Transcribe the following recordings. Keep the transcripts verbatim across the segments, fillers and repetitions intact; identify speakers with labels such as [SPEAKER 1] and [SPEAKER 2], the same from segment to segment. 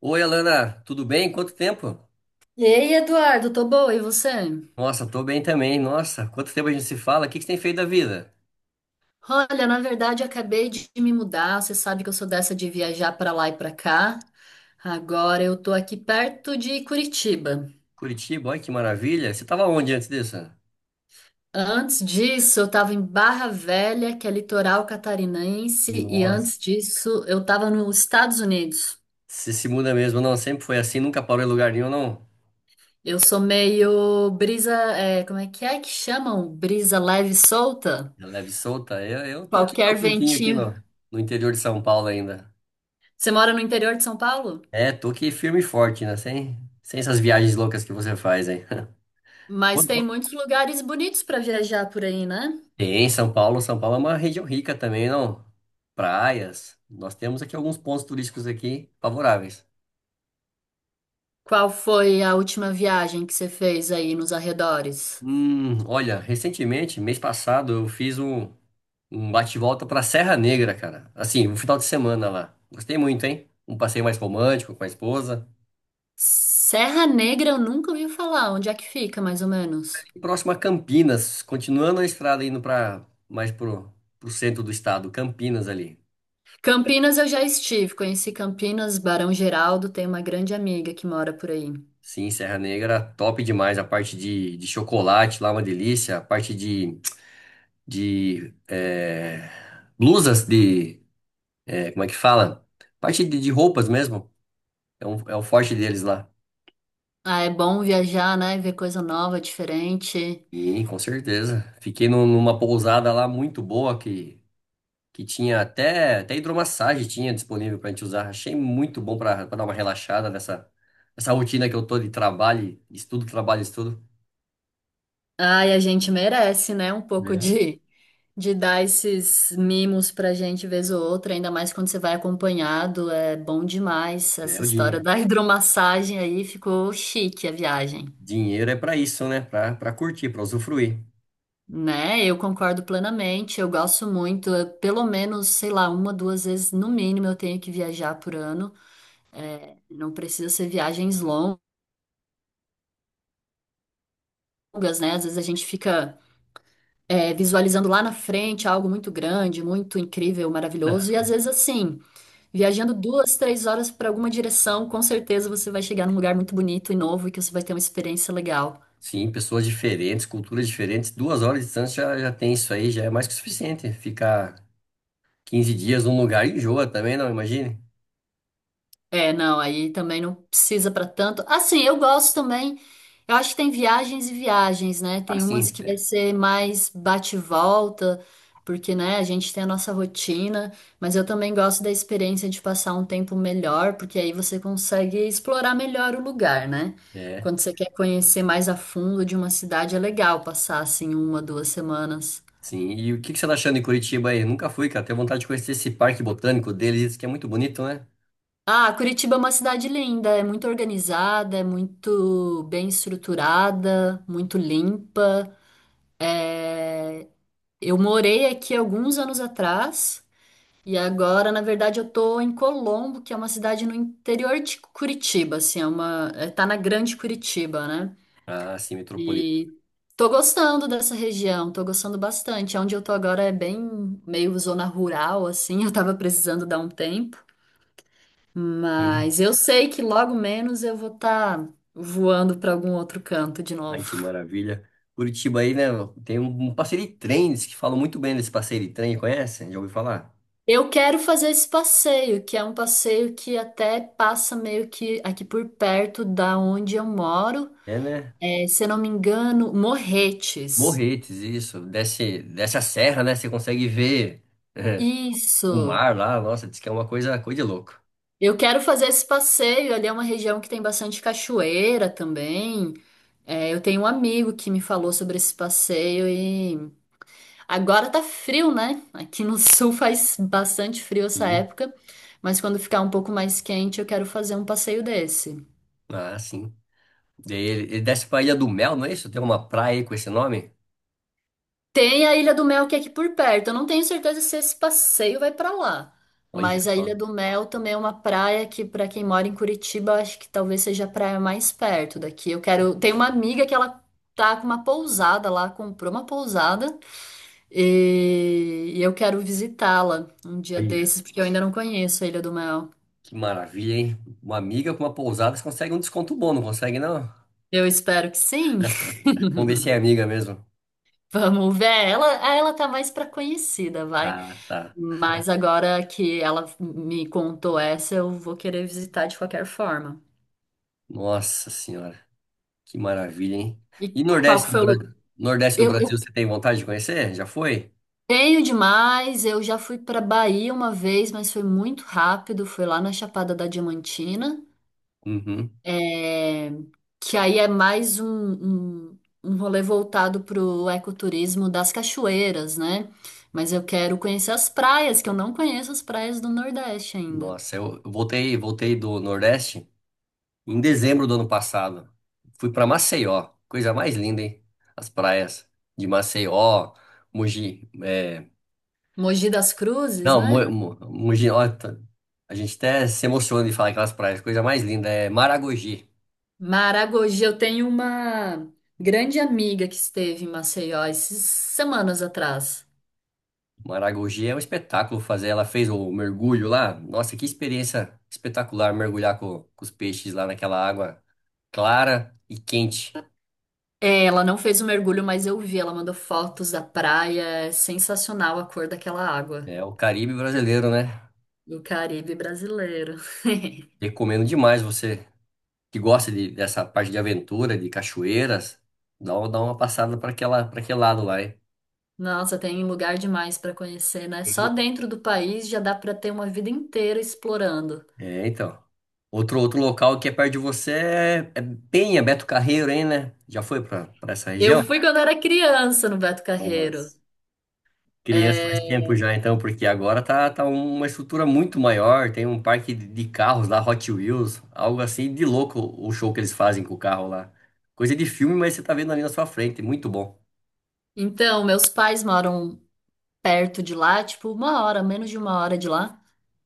[SPEAKER 1] Oi, Alana, tudo bem? Quanto tempo?
[SPEAKER 2] E aí, Eduardo, tô boa, e você?
[SPEAKER 1] Nossa, tô bem também. Nossa, quanto tempo a gente se fala? O que que você tem feito da vida?
[SPEAKER 2] Olha, na verdade, acabei de me mudar. Você sabe que eu sou dessa de viajar pra lá e pra cá. Agora eu tô aqui perto de Curitiba.
[SPEAKER 1] Curitiba, olha que maravilha. Você tava onde antes disso?
[SPEAKER 2] Antes disso, eu tava em Barra Velha, que é litoral catarinense, e
[SPEAKER 1] Nossa,
[SPEAKER 2] antes disso, eu tava nos Estados Unidos.
[SPEAKER 1] você se muda mesmo, não? Sempre foi assim, nunca parou em lugar nenhum, não?
[SPEAKER 2] Eu sou meio brisa, é, como é que é que chamam? Brisa leve e solta?
[SPEAKER 1] É, leve e solta. Eu, eu tô aqui no
[SPEAKER 2] Qualquer
[SPEAKER 1] meu cantinho aqui
[SPEAKER 2] ventinho.
[SPEAKER 1] no, no interior de São Paulo ainda.
[SPEAKER 2] Você mora no interior de São Paulo?
[SPEAKER 1] É, tô aqui firme e forte, né? Sem, sem essas viagens loucas que você faz, hein?
[SPEAKER 2] Mas
[SPEAKER 1] Quando-
[SPEAKER 2] tem
[SPEAKER 1] quando-
[SPEAKER 2] muitos lugares bonitos para viajar por aí, né?
[SPEAKER 1] Tem, São Paulo. São Paulo é uma região rica também, não? Praias. Nós temos aqui alguns pontos turísticos aqui favoráveis.
[SPEAKER 2] Qual foi a última viagem que você fez aí nos arredores?
[SPEAKER 1] Hum, olha, recentemente, mês passado, eu fiz um, um bate-volta pra Serra Negra, cara. Assim, um final de semana lá. Gostei muito, hein? Um passeio mais romântico com a esposa.
[SPEAKER 2] Serra Negra eu nunca ouvi falar. Onde é que fica, mais ou menos?
[SPEAKER 1] E próximo a Campinas, continuando a estrada indo pra mais pro, pro centro do estado, Campinas ali.
[SPEAKER 2] Campinas eu já estive. Conheci Campinas, Barão Geraldo. Tem uma grande amiga que mora por aí.
[SPEAKER 1] Sim, Serra Negra, top demais. A parte de, de chocolate lá, uma delícia. A parte de, de é, blusas de. É, como é que fala? Parte de, de roupas mesmo. É um, é o forte deles lá.
[SPEAKER 2] Ah, é bom viajar, né? Ver coisa nova, diferente.
[SPEAKER 1] Sim, com certeza. Fiquei num- numa pousada lá muito boa que, que tinha até, até hidromassagem tinha disponível para a gente usar. Achei muito bom para dar uma relaxada nessa, nessa rotina que eu tô de trabalho, estudo, trabalho, estudo.
[SPEAKER 2] Ai, a gente merece, né? Um pouco
[SPEAKER 1] Né.
[SPEAKER 2] de de dar esses mimos pra gente vez ou outra, ainda mais quando você vai acompanhado, é bom demais.
[SPEAKER 1] É,
[SPEAKER 2] Essa
[SPEAKER 1] o
[SPEAKER 2] história
[SPEAKER 1] dinheiro.
[SPEAKER 2] da hidromassagem aí ficou chique a viagem,
[SPEAKER 1] Dinheiro é para isso, né? Para para curtir, para usufruir.
[SPEAKER 2] né? Eu concordo plenamente, eu gosto muito, eu- pelo menos, sei lá, uma, duas vezes no mínimo eu tenho que viajar por ano. Não precisa ser viagens longas, né? Às vezes a gente fica é, visualizando lá na frente algo muito grande, muito incrível, maravilhoso, e às
[SPEAKER 1] Não.
[SPEAKER 2] vezes assim. Viajando duas, três horas para alguma direção, com certeza você vai chegar num lugar muito bonito e novo e que você vai ter uma experiência legal.
[SPEAKER 1] Sim, pessoas diferentes, culturas diferentes. Duas horas de distância já, já tem isso aí, já é mais que o suficiente. Ficar quinze dias num lugar enjoa também, não imagine?
[SPEAKER 2] É, não, aí também não precisa para tanto. Assim, eu gosto também. Eu acho que tem viagens e viagens, né? Tem
[SPEAKER 1] Assim,
[SPEAKER 2] umas que vai ser mais bate e volta, porque, né, a gente tem a nossa rotina, mas eu também gosto da experiência de passar um tempo melhor, porque aí você consegue explorar melhor o lugar, né?
[SPEAKER 1] né?
[SPEAKER 2] Quando você quer conhecer mais a fundo de uma cidade, é legal passar assim uma, duas semanas.
[SPEAKER 1] Sim, e o que que você tá achando em Curitiba aí? Nunca fui, cara. Tenho vontade de conhecer esse parque botânico deles, diz que é muito bonito, né?
[SPEAKER 2] Ah, Curitiba é uma cidade linda, é muito organizada, é muito bem estruturada, muito limpa. É, eu morei aqui alguns anos atrás e agora, na verdade, eu tô em Colombo, que é uma cidade no interior de Curitiba, assim, é uma... é, tá na Grande Curitiba, né?
[SPEAKER 1] Ah, sim, metropolitano.
[SPEAKER 2] E tô gostando dessa região, tô gostando bastante. É. Onde eu tô agora é bem meio zona rural, assim, eu tava precisando dar um tempo. Mas eu sei que logo menos eu vou estar voando para algum outro canto de
[SPEAKER 1] Ai, que
[SPEAKER 2] novo.
[SPEAKER 1] maravilha. Curitiba aí, né? Tem um um passeio de trem, diz que falam muito bem desse passeio de trem, conhece? Já ouviu falar?
[SPEAKER 2] Eu quero fazer esse passeio, que é um passeio que até passa meio que aqui por perto da onde eu moro.
[SPEAKER 1] É, né?
[SPEAKER 2] É, se eu não me engano, Morretes.
[SPEAKER 1] Morretes, isso. Desce, desce a serra, né? Você consegue ver é, o
[SPEAKER 2] Isso.
[SPEAKER 1] mar lá. Nossa, diz que é uma coisa, coisa de louco.
[SPEAKER 2] Eu quero fazer esse passeio. Ali é uma região que tem bastante cachoeira também. É, eu tenho um amigo que me falou sobre esse passeio. Agora tá frio, né? Aqui no sul faz bastante frio essa
[SPEAKER 1] Sim.
[SPEAKER 2] época, mas quando ficar um pouco mais quente, eu quero fazer um passeio desse.
[SPEAKER 1] Ah, sim. Daí ele, ele desce pra Ilha do Mel, não é isso? Tem uma praia aí com esse nome?
[SPEAKER 2] Tem a Ilha do Mel que é aqui por perto. Eu não tenho certeza se esse passeio vai pra lá,
[SPEAKER 1] Olha,
[SPEAKER 2] mas a
[SPEAKER 1] só.
[SPEAKER 2] Ilha do Mel também é uma praia que pra quem mora em Curitiba, eu acho que talvez seja a praia mais perto daqui. Eu quero, tem uma amiga que ela tá com uma pousada lá, comprou uma pousada e, e eu quero visitá-la um dia
[SPEAKER 1] Olha.
[SPEAKER 2] desses porque eu ainda não conheço a Ilha do Mel.
[SPEAKER 1] Que maravilha, hein? Uma amiga com uma pousada, você consegue um desconto bom, não consegue, não?
[SPEAKER 2] Eu espero que sim.
[SPEAKER 1] Vamos ver se é amiga mesmo.
[SPEAKER 2] Vamos ver. Ela, ah, ela tá mais pra conhecida, vai.
[SPEAKER 1] Ah, tá.
[SPEAKER 2] Mas agora que ela me contou essa, eu vou querer visitar de qualquer forma.
[SPEAKER 1] Nossa senhora, que maravilha, hein?
[SPEAKER 2] E
[SPEAKER 1] E
[SPEAKER 2] qual que
[SPEAKER 1] Nordeste do
[SPEAKER 2] foi o lugar?
[SPEAKER 1] Brasil? Nordeste do
[SPEAKER 2] Eu, eu
[SPEAKER 1] Brasil, você tem vontade de conhecer? Já foi?
[SPEAKER 2] tenho demais. Eu já fui pra Bahia uma vez, mas foi muito rápido. Foi lá na Chapada da Diamantina.
[SPEAKER 1] Uhum.
[SPEAKER 2] É, que aí é mais um, um, um rolê voltado para o ecoturismo das cachoeiras, né? Mas eu quero conhecer as praias, que eu não conheço as praias do Nordeste ainda.
[SPEAKER 1] Nossa, eu eu voltei, voltei do Nordeste em dezembro do ano passado. Fui para Maceió, coisa mais linda, hein? As praias de Maceió, Mogi, é,
[SPEAKER 2] Mogi das Cruzes,
[SPEAKER 1] não, Mo-
[SPEAKER 2] né?
[SPEAKER 1] Mo- Mogi, ó, tá- a gente até se emociona de falar aquelas praias. Coisa mais linda é Maragogi.
[SPEAKER 2] Maragogi, eu tenho uma grande amiga que esteve em Maceió esses semanas atrás.
[SPEAKER 1] Maragogi é um espetáculo fazer. Ela fez o mergulho lá. Nossa, que experiência espetacular mergulhar com, com os peixes lá naquela água clara e quente.
[SPEAKER 2] É, ela não fez o mergulho, mas eu vi, ela mandou fotos da praia, é sensacional a cor daquela água
[SPEAKER 1] É o Caribe brasileiro, né?
[SPEAKER 2] do Caribe brasileiro.
[SPEAKER 1] Recomendo demais você que gosta de- dessa parte de aventura, de cachoeiras, dá, uma- dá uma passada para aquela, para aquele lado lá, hein?
[SPEAKER 2] Nossa, tem lugar demais para conhecer, né? Só dentro do país já dá para ter uma vida inteira explorando.
[SPEAKER 1] É, então. Outro, outro local que é perto de você é, é Penha, Beto Carreiro, hein, né? Já foi pra pra essa
[SPEAKER 2] Eu
[SPEAKER 1] região?
[SPEAKER 2] fui quando era criança no Beto Carreiro.
[SPEAKER 1] Umas crianças faz
[SPEAKER 2] É,
[SPEAKER 1] tempo já, então, porque agora tá, tá uma estrutura muito maior. Tem um parque de de carros lá, Hot Wheels, algo assim de louco o show que eles fazem com o carro lá. Coisa de filme, mas você tá vendo ali na sua frente, muito bom.
[SPEAKER 2] então, meus pais moram perto de lá, tipo uma hora, menos de uma hora de lá.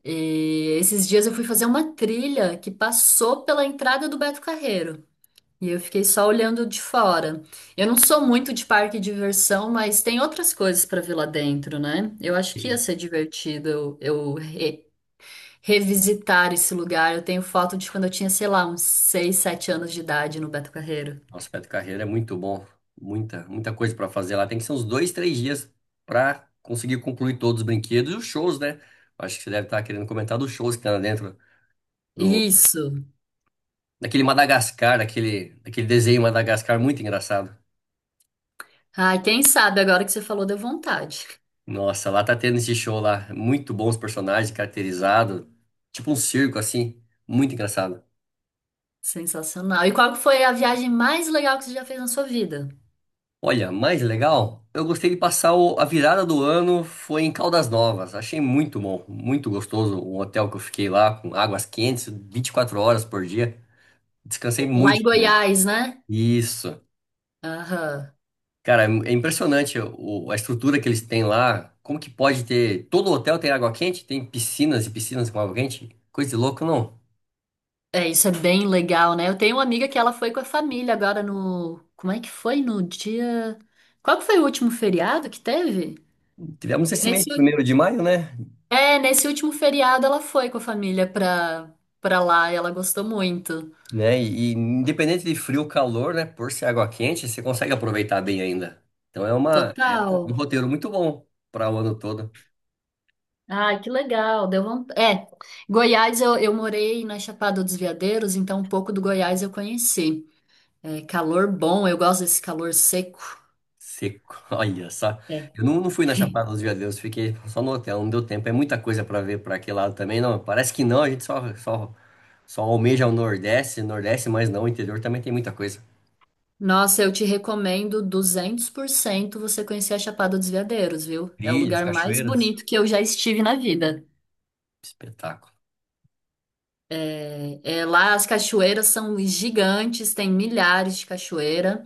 [SPEAKER 2] E esses dias eu fui fazer uma trilha que passou pela entrada do Beto Carreiro. E eu fiquei só olhando de fora. Eu não sou muito de parque e diversão, mas tem outras coisas para ver lá dentro, né? Eu acho que ia ser divertido eu, eu revisitar esse lugar. Eu tenho foto de quando eu tinha, sei lá, uns seis, sete anos de idade no Beto Carreiro.
[SPEAKER 1] Nossa, Beto Carreiro é muito bom. Muita, muita coisa para fazer lá. Tem que ser uns dois, três dias para conseguir concluir todos os brinquedos e os shows, né? Acho que você deve estar querendo comentar dos shows que tá lá dentro do
[SPEAKER 2] Isso.
[SPEAKER 1] daquele, Madagascar, daquele, daquele desenho Madagascar muito engraçado.
[SPEAKER 2] Ai, quem sabe agora que você falou deu vontade.
[SPEAKER 1] Nossa, lá tá tendo esse show lá. Muito bons personagens, caracterizado, tipo um circo assim, muito engraçado.
[SPEAKER 2] Sensacional. E qual foi a viagem mais legal que você já fez na sua vida?
[SPEAKER 1] Olha, mais legal, eu gostei de passar o- a virada do ano foi em Caldas Novas. Achei muito bom, muito gostoso o hotel que eu fiquei lá, com águas quentes, vinte e quatro horas por dia. Descansei
[SPEAKER 2] Lá em
[SPEAKER 1] muito com ele.
[SPEAKER 2] Goiás, né?
[SPEAKER 1] Isso.
[SPEAKER 2] Aham.
[SPEAKER 1] Cara, é é impressionante o- a estrutura que eles têm lá. Como que pode ter. Todo hotel tem água quente? Tem piscinas e piscinas com água quente? Coisa de louco, não.
[SPEAKER 2] É, isso é bem legal, né? Eu tenho uma amiga que ela foi com a família agora no. Como é que foi? No dia. Qual que foi o último feriado que teve?
[SPEAKER 1] Tivemos esse
[SPEAKER 2] Nesse.
[SPEAKER 1] mês, primeiro de maio, né?
[SPEAKER 2] É, nesse último feriado ela foi com a família pra, pra lá e ela gostou muito.
[SPEAKER 1] né? E, e independente de frio ou calor, né? Por ser água quente, você consegue aproveitar bem ainda. Então é uma é um um
[SPEAKER 2] Total.
[SPEAKER 1] roteiro muito bom para o ano todo.
[SPEAKER 2] Ah, que legal. Deu vontade. É, Goiás eu, eu morei na Chapada dos Veadeiros, então um pouco do Goiás eu conheci. É calor bom, eu gosto desse calor seco.
[SPEAKER 1] Seco, olha só.
[SPEAKER 2] É.
[SPEAKER 1] Eu não, não fui na Chapada dos Veadeiros, fiquei só no hotel, não deu tempo. É muita coisa para ver para aquele lado também, não. Parece que não, a gente só, só, só almeja o Nordeste, Nordeste, mas não, o interior também tem muita coisa.
[SPEAKER 2] Nossa, eu te recomendo duzentos por cento você conhecer a Chapada dos Veadeiros, viu? É o
[SPEAKER 1] Trilhas,
[SPEAKER 2] lugar mais
[SPEAKER 1] cachoeiras,
[SPEAKER 2] bonito que eu já estive na vida.
[SPEAKER 1] espetáculo.
[SPEAKER 2] É, é, lá as cachoeiras são gigantes, tem milhares de cachoeiras.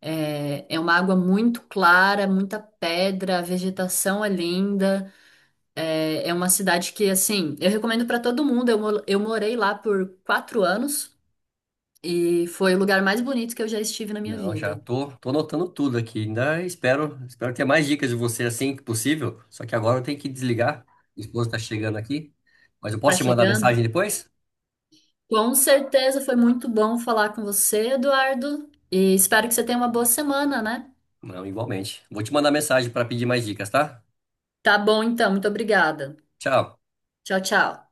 [SPEAKER 2] É, é uma água muito clara, muita pedra, a vegetação é linda. É, é uma cidade que, assim, eu recomendo para todo mundo. Eu, mo- eu morei lá por quatro anos e foi o lugar mais bonito que eu já estive na minha
[SPEAKER 1] Não, já
[SPEAKER 2] vida.
[SPEAKER 1] tô, tô anotando tudo aqui. Ainda espero, espero ter mais dicas de você assim que possível. Só que agora eu tenho que desligar. Minha esposa está chegando aqui. Mas eu posso
[SPEAKER 2] Tá
[SPEAKER 1] te mandar
[SPEAKER 2] chegando?
[SPEAKER 1] mensagem depois?
[SPEAKER 2] Com certeza foi muito bom falar com você, Eduardo, e espero que você tenha uma boa semana, né?
[SPEAKER 1] Não, igualmente. Vou te mandar mensagem para pedir mais dicas, tá?
[SPEAKER 2] Tá bom, então, muito obrigada.
[SPEAKER 1] Tchau.
[SPEAKER 2] Tchau, tchau.